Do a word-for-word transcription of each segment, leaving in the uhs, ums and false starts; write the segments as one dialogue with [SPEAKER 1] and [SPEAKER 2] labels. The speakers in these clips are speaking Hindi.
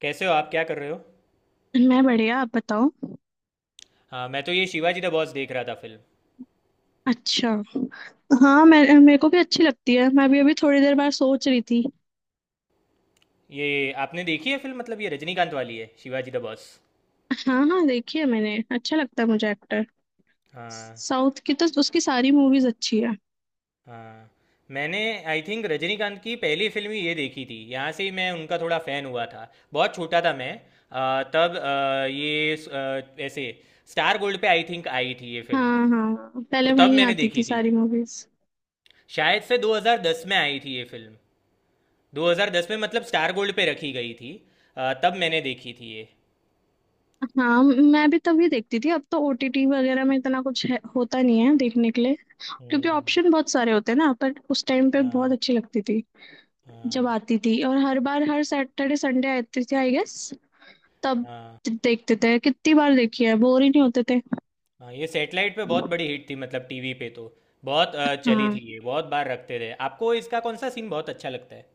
[SPEAKER 1] कैसे हो आप क्या कर रहे हो।
[SPEAKER 2] मैं बढ़िया। आप बताओ।
[SPEAKER 1] हाँ, मैं तो ये शिवाजी द बॉस देख रहा था फिल्म।
[SPEAKER 2] अच्छा। हाँ, मैं, मेरे को भी अच्छी लगती है। मैं भी अभी थोड़ी देर बाद सोच रही थी।
[SPEAKER 1] ये आपने देखी है फिल्म मतलब ये रजनीकांत वाली है शिवाजी द बॉस।
[SPEAKER 2] हाँ हाँ, देखी है मैंने। अच्छा लगता है मुझे एक्टर।
[SPEAKER 1] हाँ
[SPEAKER 2] साउथ की तो उसकी सारी मूवीज अच्छी है।
[SPEAKER 1] हाँ। मैंने आई थिंक रजनीकांत की पहली फिल्म ही ये देखी थी, यहाँ से ही मैं उनका थोड़ा फ़ैन हुआ था। बहुत छोटा था मैं। अ, तब अ, ये स- अ, ऐसे स्टार गोल्ड पे आई थिंक आई थी ये फिल्म,
[SPEAKER 2] हाँ हाँ,
[SPEAKER 1] तो
[SPEAKER 2] पहले
[SPEAKER 1] तब
[SPEAKER 2] वहीं
[SPEAKER 1] मैंने
[SPEAKER 2] आती थी
[SPEAKER 1] देखी थी।
[SPEAKER 2] सारी मूवीज।
[SPEAKER 1] शायद से दो हज़ार दस में आई थी ये फिल्म। दो हज़ार दस में मतलब स्टार गोल्ड पे रखी गई थी। अ, तब मैंने देखी थी ये।
[SPEAKER 2] हाँ, मैं भी तभी देखती थी। अब तो ओटीटी वगैरह में इतना कुछ है, होता नहीं है देखने के लिए। क्योंकि
[SPEAKER 1] हम्म,
[SPEAKER 2] ऑप्शन बहुत सारे होते हैं ना, पर उस टाइम पे बहुत
[SPEAKER 1] हाँ
[SPEAKER 2] अच्छी लगती थी। जब
[SPEAKER 1] हाँ
[SPEAKER 2] आती थी, और हर बार हर सैटरडे संडे आती थी आई गेस। तब
[SPEAKER 1] हाँ
[SPEAKER 2] देखते थे, कितनी बार देखी है, बोर ही नहीं होते थे।
[SPEAKER 1] हाँ, ये सेटेलाइट पे बहुत बड़ी हिट थी मतलब टीवी पे तो बहुत अ, चली थी
[SPEAKER 2] हाँ।
[SPEAKER 1] ये, बहुत बार रखते थे। आपको इसका कौन सा सीन बहुत अच्छा लगता है।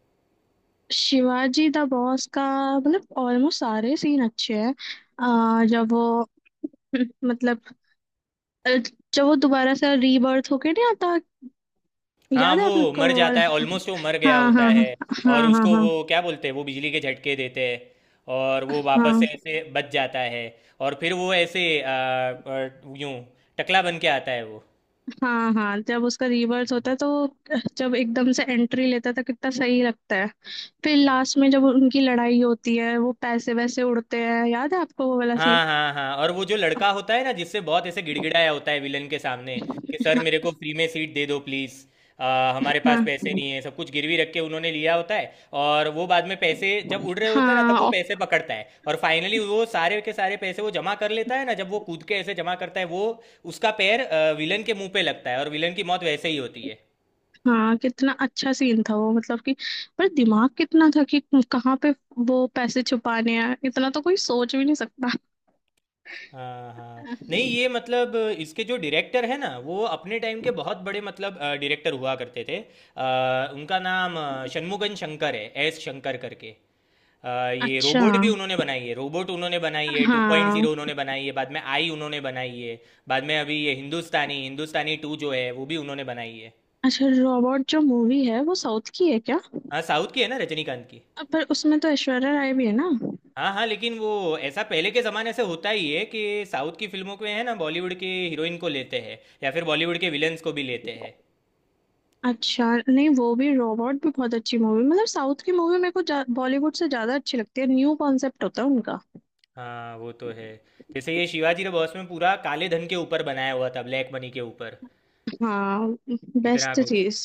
[SPEAKER 2] शिवाजी द बॉस का मतलब ऑलमोस्ट सारे सीन अच्छे हैं। अह, जब वो मतलब अ, जब वो दोबारा से रीबर्थ होके नहीं आता।
[SPEAKER 1] हाँ,
[SPEAKER 2] याद है
[SPEAKER 1] वो
[SPEAKER 2] आपको
[SPEAKER 1] मर
[SPEAKER 2] वो वाला?
[SPEAKER 1] जाता है ऑलमोस्ट, वो मर गया
[SPEAKER 2] हाँ
[SPEAKER 1] होता
[SPEAKER 2] हाँ। हाँ
[SPEAKER 1] है और
[SPEAKER 2] हाँ हाँ
[SPEAKER 1] उसको
[SPEAKER 2] हाँ।
[SPEAKER 1] वो क्या बोलते हैं वो बिजली के झटके देते हैं और वो वापस से
[SPEAKER 2] हाँ
[SPEAKER 1] ऐसे बच जाता है और फिर वो ऐसे अ, अ, यूं टकला बन के आता है वो।
[SPEAKER 2] हाँ हाँ, जब उसका रीबर्थ होता है तो वो, जब एकदम से एंट्री लेता था, कितना सही लगता है। फिर लास्ट में जब उनकी लड़ाई होती है, वो पैसे वैसे उड़ते हैं, याद है आपको वो वाला सीन?
[SPEAKER 1] हाँ, हाँ, हाँ, और वो जो लड़का होता है ना जिससे बहुत ऐसे गिड़गिड़ाया होता है विलन के सामने कि सर
[SPEAKER 2] हाँ
[SPEAKER 1] मेरे को फ्री में सीट दे दो प्लीज़, हमारे पास
[SPEAKER 2] हाँ
[SPEAKER 1] पैसे नहीं है, सब कुछ गिरवी रख के उन्होंने लिया होता है। और वो बाद में पैसे जब उड़ रहे होते हैं ना, तब वो
[SPEAKER 2] हाँ
[SPEAKER 1] पैसे पकड़ता है और फाइनली वो सारे के सारे पैसे वो जमा कर लेता है ना, जब वो कूद के ऐसे जमा करता है वो, उसका पैर विलन के मुंह पे लगता है और विलन की मौत वैसे ही होती है।
[SPEAKER 2] हाँ, कितना अच्छा सीन था वो। मतलब कि, पर दिमाग कितना था कि कहाँ पे वो पैसे छुपाने हैं, इतना तो कोई सोच भी नहीं सकता।
[SPEAKER 1] हाँ हाँ, नहीं ये मतलब इसके जो डायरेक्टर है ना वो अपने टाइम के बहुत बड़े मतलब डायरेक्टर हुआ करते थे। अ, उनका नाम अ, शनमुगन शंकर है, एस शंकर करके। अ, ये
[SPEAKER 2] अच्छा।
[SPEAKER 1] रोबोट भी उन्होंने बनाई है, रोबोट उन्होंने बनाई है, टू पॉइंट
[SPEAKER 2] हाँ।
[SPEAKER 1] जीरो उन्होंने बनाई है बाद में आई, उन्होंने बनाई है। बाद में अभी ये हिंदुस्तानी, हिंदुस्तानी टू जो है वो भी उन्होंने बनाई है।
[SPEAKER 2] अच्छा, रोबोट जो मूवी है वो साउथ की है क्या?
[SPEAKER 1] हाँ, साउथ की है ना, रजनीकांत की।
[SPEAKER 2] अ, पर उसमें तो ऐश्वर्या राय भी है ना।
[SPEAKER 1] हाँ हाँ, लेकिन वो ऐसा पहले के ज़माने से होता ही है कि साउथ की फिल्मों को है ना, बॉलीवुड के हीरोइन को लेते हैं या फिर बॉलीवुड के विलन्स को भी लेते हैं।
[SPEAKER 2] अच्छा, नहीं, वो भी, रोबोट भी बहुत अच्छी मूवी। मतलब साउथ की मूवी मेरे को जा- बॉलीवुड से ज्यादा अच्छी लगती है। न्यू कॉन्सेप्ट होता है उनका।
[SPEAKER 1] हाँ वो तो है। जैसे ये शिवाजी द बॉस में पूरा काले धन के ऊपर बनाया हुआ था, ब्लैक मनी के ऊपर।
[SPEAKER 2] हाँ।
[SPEAKER 1] इतना
[SPEAKER 2] बेस्ट
[SPEAKER 1] कुछ।
[SPEAKER 2] चीज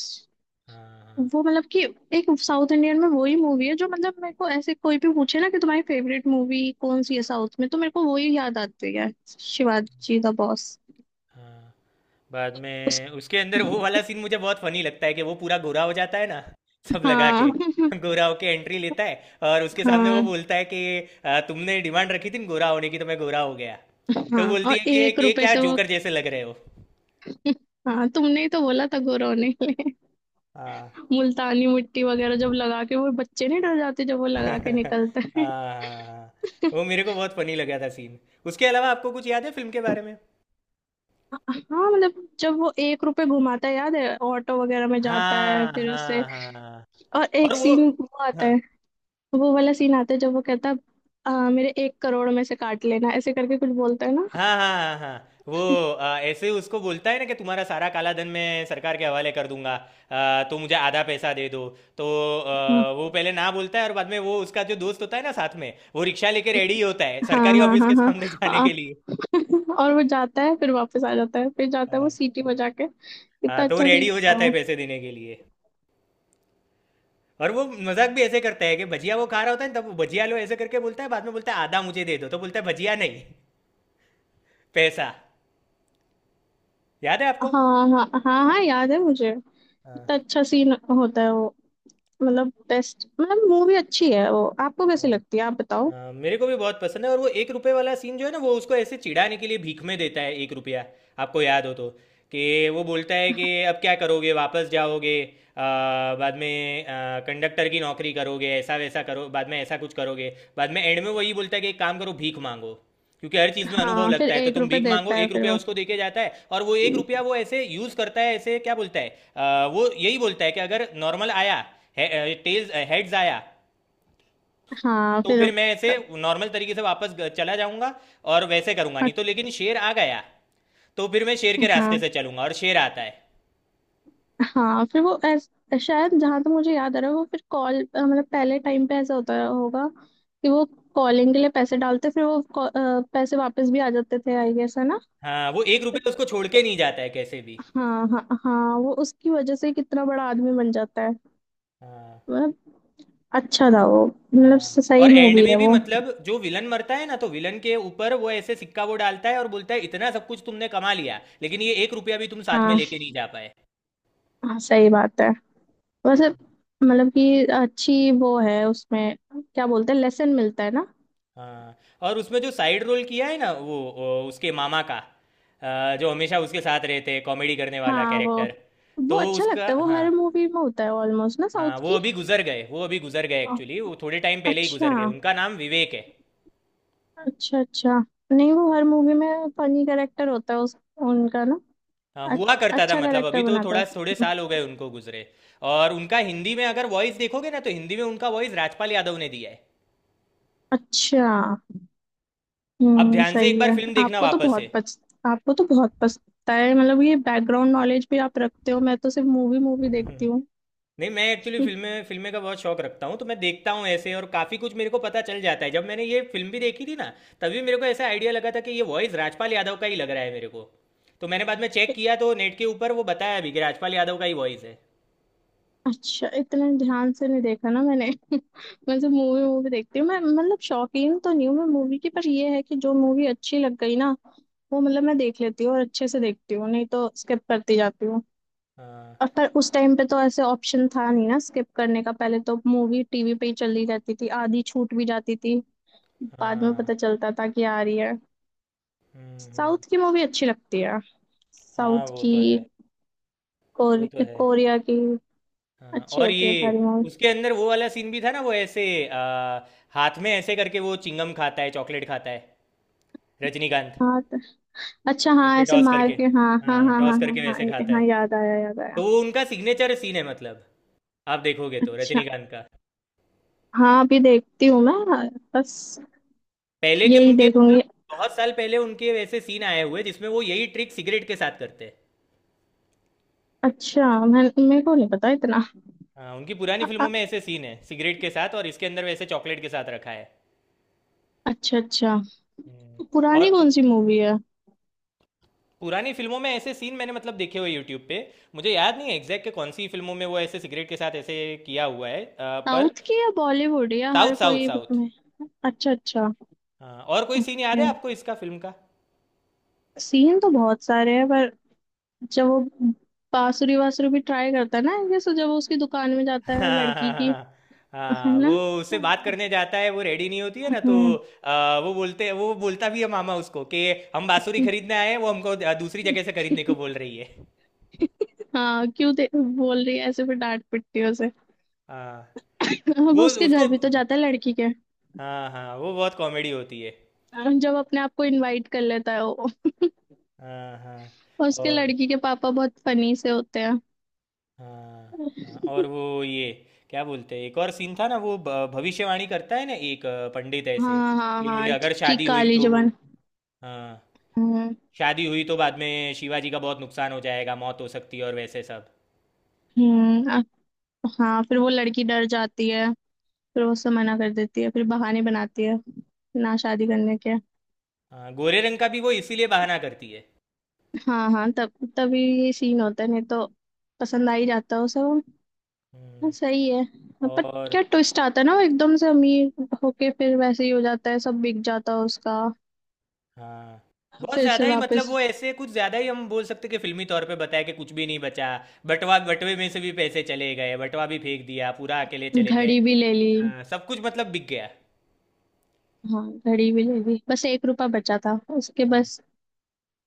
[SPEAKER 1] हाँ
[SPEAKER 2] वो, मतलब कि एक साउथ इंडियन में वही मूवी है जो, मतलब मेरे को ऐसे कोई भी पूछे ना कि तुम्हारी फेवरेट मूवी कौन सी है साउथ में, तो मेरे को वही याद आती है। Shivaji the boss.
[SPEAKER 1] हाँ। बाद
[SPEAKER 2] उस,
[SPEAKER 1] में उसके अंदर वो वाला सीन मुझे बहुत फनी लगता है कि वो पूरा गोरा हो जाता है ना, सब लगा
[SPEAKER 2] हाँ
[SPEAKER 1] के गोरा होके एंट्री लेता है और उसके सामने वो
[SPEAKER 2] हाँ
[SPEAKER 1] बोलता है कि "आ, तुमने डिमांड रखी थी ना गोरा होने की, तो मैं गोरा हो गया।"
[SPEAKER 2] हाँ,
[SPEAKER 1] तो बोलती
[SPEAKER 2] और
[SPEAKER 1] है कि
[SPEAKER 2] एक
[SPEAKER 1] कि ये
[SPEAKER 2] रुपए
[SPEAKER 1] क्या
[SPEAKER 2] से वो,
[SPEAKER 1] जोकर जैसे लग रहे हो।
[SPEAKER 2] हाँ तुमने ही तो बोला था गोरो ने
[SPEAKER 1] हाँ
[SPEAKER 2] मुल्तानी मिट्टी वगैरह जब लगा के, वो बच्चे नहीं डर जाते जब वो लगा के
[SPEAKER 1] हाँ हाँ,
[SPEAKER 2] निकलते हैं।
[SPEAKER 1] हाँ। वो मेरे को बहुत फनी लगा था सीन। उसके अलावा आपको कुछ याद है फिल्म के बारे में।
[SPEAKER 2] हाँ, मतलब जब वो एक रुपए घुमाता है याद है, ऑटो वगैरह में जाता है
[SPEAKER 1] हाँ
[SPEAKER 2] फिर उसे,
[SPEAKER 1] हाँ हाँ,
[SPEAKER 2] और
[SPEAKER 1] और
[SPEAKER 2] एक
[SPEAKER 1] वो
[SPEAKER 2] सीन वो आता
[SPEAKER 1] हाँ
[SPEAKER 2] है, तो वो वाला सीन आता है जब वो कहता है, "आ, मेरे एक करोड़ में से काट लेना", ऐसे करके कुछ बोलता है ना।
[SPEAKER 1] हाँ हाँ हाँ हाँ वो आ, ऐसे उसको बोलता है ना कि तुम्हारा सारा काला धन मैं सरकार के हवाले कर दूंगा, आ, तो मुझे आधा पैसा दे दो। तो आ, वो पहले ना बोलता है और बाद में वो उसका जो दोस्त होता है ना साथ में, वो रिक्शा लेके रेडी होता है
[SPEAKER 2] हाँ
[SPEAKER 1] सरकारी
[SPEAKER 2] हाँ
[SPEAKER 1] ऑफिस
[SPEAKER 2] हाँ हाँ
[SPEAKER 1] के
[SPEAKER 2] हाँ।
[SPEAKER 1] सामने जाने
[SPEAKER 2] आ,
[SPEAKER 1] के लिए।
[SPEAKER 2] और वो जाता है, फिर वापस आ जाता है, फिर जाता है वो
[SPEAKER 1] हाँ
[SPEAKER 2] सीटी बजा के,
[SPEAKER 1] हाँ,
[SPEAKER 2] कितना
[SPEAKER 1] तो
[SPEAKER 2] अच्छा
[SPEAKER 1] रेडी
[SPEAKER 2] सीन
[SPEAKER 1] हो
[SPEAKER 2] होता है
[SPEAKER 1] जाता है
[SPEAKER 2] वो।
[SPEAKER 1] पैसे देने के लिए। और वो मजाक भी ऐसे करता है कि भजिया वो खा रहा होता है ना, तब वो भजिया लो ऐसे करके बोलता है, बाद में बोलता है आधा मुझे दे दो, तो बोलता है भजिया नहीं, पैसा। याद है आपको।
[SPEAKER 2] हाँ हाँ हाँ हाँ, याद है मुझे।
[SPEAKER 1] हाँ।
[SPEAKER 2] कितना अच्छा सीन होता है वो। मतलब बेस्ट। मतलब मूवी अच्छी है वो, आपको कैसी लगती है, आप बताओ।
[SPEAKER 1] अ, मेरे को भी बहुत पसंद है, और वो एक रुपए वाला सीन जो है ना, वो उसको ऐसे चिढ़ाने के लिए भीख में देता है एक रुपया, आपको याद हो तो, कि वो बोलता है कि अब क्या करोगे, वापस जाओगे, अ, बाद में आ, कंडक्टर की नौकरी करोगे, ऐसा वैसा करो, बाद में ऐसा कुछ करोगे, बाद में एंड में वही बोलता है कि एक काम करो, भीख मांगो, क्योंकि हर चीज़ में अनुभव
[SPEAKER 2] हाँ, फिर
[SPEAKER 1] लगता है, तो
[SPEAKER 2] एक
[SPEAKER 1] तुम
[SPEAKER 2] रुपए
[SPEAKER 1] भीख मांगो।
[SPEAKER 2] देता है
[SPEAKER 1] एक
[SPEAKER 2] फिर
[SPEAKER 1] रुपया
[SPEAKER 2] वो,
[SPEAKER 1] उसको देके जाता है और वो एक रुपया वो ऐसे यूज़ करता है, ऐसे क्या बोलता है, अ, वो यही बोलता है कि अगर नॉर्मल आया, टेल्स हेड्स आया,
[SPEAKER 2] हाँ
[SPEAKER 1] तो
[SPEAKER 2] फिर,
[SPEAKER 1] फिर मैं ऐसे नॉर्मल तरीके से वापस ग- चला जाऊंगा और वैसे करूंगा नहीं, तो लेकिन शेर आ गया तो फिर मैं शेर के रास्ते
[SPEAKER 2] हाँ
[SPEAKER 1] से चलूंगा, और शेर आता है।
[SPEAKER 2] हाँ, फिर वो ऐस, शायद जहां तक मुझे याद आ रहा है, वो फिर कॉल मतलब पहले टाइम पे ऐसा होता होगा कि वो कॉलिंग के लिए पैसे डालते, फिर वो call- अ, पैसे वापस भी आ जाते थे आई गेस, है ना?
[SPEAKER 1] हाँ, वो एक रुपये उसको छोड़ के नहीं जाता है कैसे भी।
[SPEAKER 2] हाँ हाँ हाँ, वो उसकी वजह से कितना बड़ा आदमी बन जाता है।
[SPEAKER 1] हाँ
[SPEAKER 2] मतलब, अच्छा था वो। मतलब
[SPEAKER 1] हाँ।
[SPEAKER 2] स- सही
[SPEAKER 1] और एंड
[SPEAKER 2] मूवी
[SPEAKER 1] में
[SPEAKER 2] है
[SPEAKER 1] भी
[SPEAKER 2] वो।
[SPEAKER 1] मतलब जो विलन मरता है ना, तो विलन के ऊपर वो ऐसे सिक्का वो डालता है और बोलता है इतना सब कुछ तुमने कमा लिया, लेकिन ये एक रुपया भी तुम साथ में
[SPEAKER 2] हाँ
[SPEAKER 1] लेके नहीं जा पाए।
[SPEAKER 2] हाँ, सही बात है। वैसे मतलब कि अच्छी वो है। उसमें क्या बोलते हैं, लेसन मिलता है ना।
[SPEAKER 1] हाँ, और उसमें जो साइड रोल किया है ना, वो वो उसके मामा का, अ, जो हमेशा उसके साथ रहते हैं, कॉमेडी करने वाला
[SPEAKER 2] हाँ वो
[SPEAKER 1] कैरेक्टर,
[SPEAKER 2] वो
[SPEAKER 1] तो
[SPEAKER 2] अच्छा
[SPEAKER 1] उसका
[SPEAKER 2] लगता है, वो
[SPEAKER 1] हाँ।
[SPEAKER 2] हर मूवी में होता है ऑलमोस्ट ना,
[SPEAKER 1] हाँ,
[SPEAKER 2] साउथ
[SPEAKER 1] वो
[SPEAKER 2] की।
[SPEAKER 1] अभी गुजर गए, वो अभी गुजर गए एक्चुअली, वो थोड़े टाइम पहले ही
[SPEAKER 2] अच्छा
[SPEAKER 1] गुजर गए, उनका नाम विवेक है।
[SPEAKER 2] अच्छा। अच्छा, नहीं, वो हर मूवी में फनी करेक्टर होता है उस, उनका ना।
[SPEAKER 1] हाँ,
[SPEAKER 2] अ-
[SPEAKER 1] हुआ करता था
[SPEAKER 2] अच्छा
[SPEAKER 1] मतलब, अभी
[SPEAKER 2] करेक्टर
[SPEAKER 1] तो
[SPEAKER 2] बनाता है।
[SPEAKER 1] थोड़ा थोड़े
[SPEAKER 2] हम्म।
[SPEAKER 1] साल हो गए उनको गुजरे। और उनका हिंदी में अगर वॉइस देखोगे ना, तो हिंदी में उनका वॉइस राजपाल यादव ने दिया है।
[SPEAKER 2] अच्छा।
[SPEAKER 1] आप
[SPEAKER 2] हम्म,
[SPEAKER 1] ध्यान से एक
[SPEAKER 2] सही
[SPEAKER 1] बार
[SPEAKER 2] है।
[SPEAKER 1] फिल्म देखना
[SPEAKER 2] आपको तो
[SPEAKER 1] वापस से।
[SPEAKER 2] बहुत पच आपको तो बहुत पछता है, मतलब ये बैकग्राउंड नॉलेज भी आप रखते हो। मैं तो सिर्फ मूवी मूवी देखती हूँ।
[SPEAKER 1] नहीं, मैं एक्चुअली फिल्में फिल्में का बहुत शौक रखता हूँ, तो मैं देखता हूँ ऐसे और काफ़ी कुछ मेरे को पता चल जाता है। जब मैंने ये फिल्म भी देखी थी ना, तभी मेरे को ऐसा आइडिया लगा था कि ये वॉइस राजपाल यादव का ही लग रहा है मेरे को, तो मैंने बाद में चेक किया तो नेट के ऊपर वो बताया भी कि राजपाल यादव का ही वॉइस है।
[SPEAKER 2] अच्छा, इतना ध्यान से नहीं देखा ना मैंने। मैं तो मूवी मूवी देखती हूँ मैं। मतलब शौकीन तो नहीं हूँ मैं मूवी की, पर ये है कि जो मूवी अच्छी लग गई ना, वो मतलब मैं देख लेती हूँ और अच्छे से देखती हूँ, नहीं तो स्किप करती जाती हूँ।
[SPEAKER 1] हाँ
[SPEAKER 2] और पर उस टाइम पे तो ऐसे ऑप्शन था नहीं ना स्किप करने का, पहले तो मूवी टीवी पे ही चली जाती थी, आधी छूट भी जाती थी। बाद में
[SPEAKER 1] हाँ,
[SPEAKER 2] पता चलता था कि आ रही है।
[SPEAKER 1] हुँ, हुँ,
[SPEAKER 2] साउथ की मूवी अच्छी लगती है।
[SPEAKER 1] हाँ
[SPEAKER 2] साउथ
[SPEAKER 1] वो
[SPEAKER 2] की,
[SPEAKER 1] तो है, वो
[SPEAKER 2] कोर,
[SPEAKER 1] तो है।
[SPEAKER 2] कोरिया की।
[SPEAKER 1] हाँ,
[SPEAKER 2] अच्छी
[SPEAKER 1] और
[SPEAKER 2] होती
[SPEAKER 1] ये
[SPEAKER 2] है सारी मूवी।
[SPEAKER 1] उसके अंदर वो वाला सीन भी था ना, वो ऐसे आ, हाथ में ऐसे करके वो चिंगम खाता है, चॉकलेट खाता है, रजनीकांत।
[SPEAKER 2] हाँ तो, अच्छा, हाँ,
[SPEAKER 1] ऐसे
[SPEAKER 2] ऐसे
[SPEAKER 1] टॉस
[SPEAKER 2] मार
[SPEAKER 1] करके,
[SPEAKER 2] के, हाँ हाँ
[SPEAKER 1] हाँ,
[SPEAKER 2] हाँ
[SPEAKER 1] टॉस
[SPEAKER 2] हाँ हाँ
[SPEAKER 1] करके
[SPEAKER 2] हाँ,
[SPEAKER 1] वैसे
[SPEAKER 2] ये-
[SPEAKER 1] खाता है।
[SPEAKER 2] हाँ, याद आया याद आया।
[SPEAKER 1] तो वो उनका सिग्नेचर सीन है मतलब, आप देखोगे तो
[SPEAKER 2] अच्छा।
[SPEAKER 1] रजनीकांत का
[SPEAKER 2] हाँ, अभी देखती हूँ मैं। बस
[SPEAKER 1] पहले के
[SPEAKER 2] यही
[SPEAKER 1] उनके मतलब
[SPEAKER 2] देखूंगी।
[SPEAKER 1] बहुत साल पहले उनके वैसे सीन आए हुए, जिसमें वो यही ट्रिक सिगरेट के साथ करते हैं।
[SPEAKER 2] अच्छा, मैं, मेरे को नहीं पता इतना।
[SPEAKER 1] हाँ, उनकी पुरानी
[SPEAKER 2] अ-
[SPEAKER 1] फिल्मों
[SPEAKER 2] अ-
[SPEAKER 1] में ऐसे सीन है सिगरेट के साथ, और इसके अंदर वैसे चॉकलेट के साथ रखा है।
[SPEAKER 2] अच्छा अच्छा।
[SPEAKER 1] हम्म, और
[SPEAKER 2] पुरानी कौन
[SPEAKER 1] कुछ
[SPEAKER 2] सी मूवी है?
[SPEAKER 1] पुरानी फिल्मों में ऐसे सीन मैंने मतलब देखे हुए यूट्यूब पे। मुझे याद नहीं है एग्जैक्ट के कौन सी फिल्मों में वो ऐसे सिगरेट के साथ ऐसे किया हुआ है अ, पर,
[SPEAKER 2] साउथ की या बॉलीवुड, या
[SPEAKER 1] साउथ
[SPEAKER 2] हर
[SPEAKER 1] साउथ
[SPEAKER 2] कोई
[SPEAKER 1] साउथ।
[SPEAKER 2] में? अच्छा अच्छा।
[SPEAKER 1] हाँ, और कोई सीन याद
[SPEAKER 2] ओके,
[SPEAKER 1] है आपको इसका, फिल्म का।
[SPEAKER 2] सीन तो बहुत सारे हैं, पर जब वो बांसुरी वासुरी भी ट्राई करता है ना ये, सो जब वो उसकी दुकान में जाता है
[SPEAKER 1] हाँ
[SPEAKER 2] लड़की
[SPEAKER 1] हाँ
[SPEAKER 2] की,
[SPEAKER 1] हाँ,
[SPEAKER 2] है
[SPEAKER 1] हाँ,
[SPEAKER 2] ना।
[SPEAKER 1] वो उससे बात
[SPEAKER 2] हम्म।
[SPEAKER 1] करने जाता है, वो रेडी नहीं होती है ना, तो
[SPEAKER 2] हम्म।
[SPEAKER 1] अ, वो बोलते, वो बोलता भी है मामा उसको कि हम बांसुरी खरीदने आए हैं, वो हमको अ, दूसरी जगह से
[SPEAKER 2] हम्म।
[SPEAKER 1] खरीदने को बोल रही है।
[SPEAKER 2] हाँ, क्यों दे बोल रही है ऐसे, फिर डांट पिटती है उसे।
[SPEAKER 1] हाँ
[SPEAKER 2] अब
[SPEAKER 1] वो
[SPEAKER 2] उसके
[SPEAKER 1] उसको,
[SPEAKER 2] घर भी तो जाता है लड़की के,
[SPEAKER 1] हाँ हाँ, वो बहुत कॉमेडी होती है।
[SPEAKER 2] जब अपने आप को इनवाइट कर लेता है वो।
[SPEAKER 1] हाँ हाँ,
[SPEAKER 2] और उसके
[SPEAKER 1] और
[SPEAKER 2] लड़की के पापा बहुत फनी से होते हैं।
[SPEAKER 1] हाँ हाँ, और वो ये क्या बोलते हैं, एक और सीन था ना, वो भ- भविष्यवाणी करता है ना एक अ, पंडित ऐसे,
[SPEAKER 2] हाँ हाँ
[SPEAKER 1] कि
[SPEAKER 2] हाँ,
[SPEAKER 1] अगर
[SPEAKER 2] कि
[SPEAKER 1] शादी हुई
[SPEAKER 2] काली
[SPEAKER 1] तो,
[SPEAKER 2] जबान।
[SPEAKER 1] हाँ
[SPEAKER 2] हम्म।
[SPEAKER 1] शादी हुई तो बाद में शिवाजी का बहुत नुकसान हो जाएगा, मौत हो सकती है और वैसे सब।
[SPEAKER 2] हम्म, अ- हाँ, फिर वो लड़की डर जाती है, फिर वो उससे मना कर देती है, फिर बहाने बनाती है ना शादी करने के।
[SPEAKER 1] हाँ, गोरे रंग का भी वो इसीलिए बहाना करती है।
[SPEAKER 2] हाँ हाँ, तब, तभी ये सीन होता है, नहीं तो पसंद आ ही जाता है उसे वो। हाँ
[SPEAKER 1] हम्म,
[SPEAKER 2] सही है। हाँ, पर
[SPEAKER 1] और
[SPEAKER 2] क्या ट्विस्ट आता है ना, वो एकदम से अमीर होके फिर वैसे ही हो जाता है, सब बिक जाता है उसका।
[SPEAKER 1] हाँ, बहुत
[SPEAKER 2] फिर से
[SPEAKER 1] ज़्यादा ही मतलब
[SPEAKER 2] वापस,
[SPEAKER 1] वो ऐसे कुछ ज़्यादा ही हम बोल सकते हैं कि फिल्मी तौर पे बताया कि कुछ भी नहीं बचा, बटवा, बटवे में से भी पैसे चले गए, बटवा भी फेंक दिया, पूरा अकेले चले गए।
[SPEAKER 2] घड़ी भी ले ली।
[SPEAKER 1] हाँ, सब कुछ मतलब बिक गया।
[SPEAKER 2] हाँ घड़ी भी ले ली, बस एक रुपया बचा था उसके,
[SPEAKER 1] हाँ।
[SPEAKER 2] बस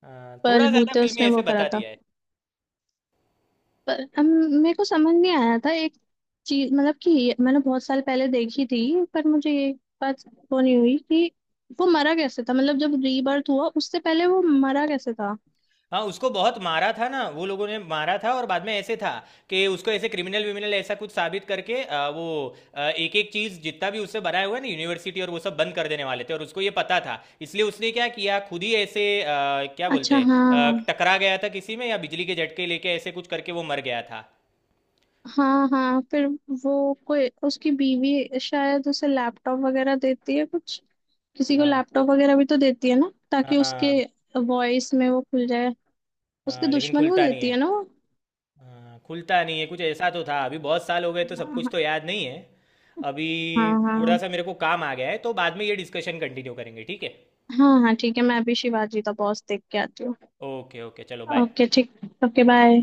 [SPEAKER 1] हाँ, थोड़ा ज्यादा
[SPEAKER 2] बलबूते
[SPEAKER 1] फिल्मी
[SPEAKER 2] उसने
[SPEAKER 1] ऐसे
[SPEAKER 2] वो करा
[SPEAKER 1] बता
[SPEAKER 2] था।
[SPEAKER 1] दिया है।
[SPEAKER 2] पर अब मेरे को समझ नहीं आया था एक चीज, मतलब कि ये- मैंने बहुत साल पहले देखी थी, पर मुझे ये बात वो नहीं हुई कि वो मरा कैसे था, मतलब जब रीबर्थ हुआ उससे पहले वो मरा कैसे था।
[SPEAKER 1] हाँ, उसको बहुत मारा था ना, वो लोगों ने मारा था और बाद में ऐसे था कि उसको ऐसे क्रिमिनल विमिनल ऐसा कुछ साबित करके आ, वो एक एक चीज जितना भी उससे बनाया हुआ है ना, यूनिवर्सिटी और वो सब बंद कर देने वाले थे, और उसको ये पता था, इसलिए उसने क्या किया खुद ही ऐसे आ, क्या बोलते
[SPEAKER 2] अच्छा।
[SPEAKER 1] हैं
[SPEAKER 2] हाँ
[SPEAKER 1] आ, टकरा गया था किसी में या बिजली के झटके लेके ऐसे कुछ करके वो मर गया था।
[SPEAKER 2] हाँ हाँ, फिर वो, कोई उसकी बीवी शायद उसे लैपटॉप वगैरह देती है कुछ, किसी को
[SPEAKER 1] हाँ
[SPEAKER 2] लैपटॉप वगैरह भी तो देती है ना ताकि उसके
[SPEAKER 1] हाँ
[SPEAKER 2] वॉइस में वो खुल जाए। उसके
[SPEAKER 1] हाँ, लेकिन
[SPEAKER 2] दुश्मन को
[SPEAKER 1] खुलता नहीं
[SPEAKER 2] देती
[SPEAKER 1] है।
[SPEAKER 2] है ना वो।
[SPEAKER 1] हाँ, खुलता नहीं है, कुछ ऐसा तो था। अभी बहुत साल हो गए तो सब कुछ तो
[SPEAKER 2] हाँ
[SPEAKER 1] याद नहीं है। अभी
[SPEAKER 2] हाँ
[SPEAKER 1] थोड़ा
[SPEAKER 2] हाँ
[SPEAKER 1] सा मेरे को काम आ गया है, तो बाद में ये डिस्कशन कंटिन्यू करेंगे, ठीक है।
[SPEAKER 2] हाँ। हाँ, ठीक है, मैं अभी शिवाजी द बॉस देख के आती हूँ।
[SPEAKER 1] ओके ओके चलो बाय।
[SPEAKER 2] ओके ठीक। Okay, bye.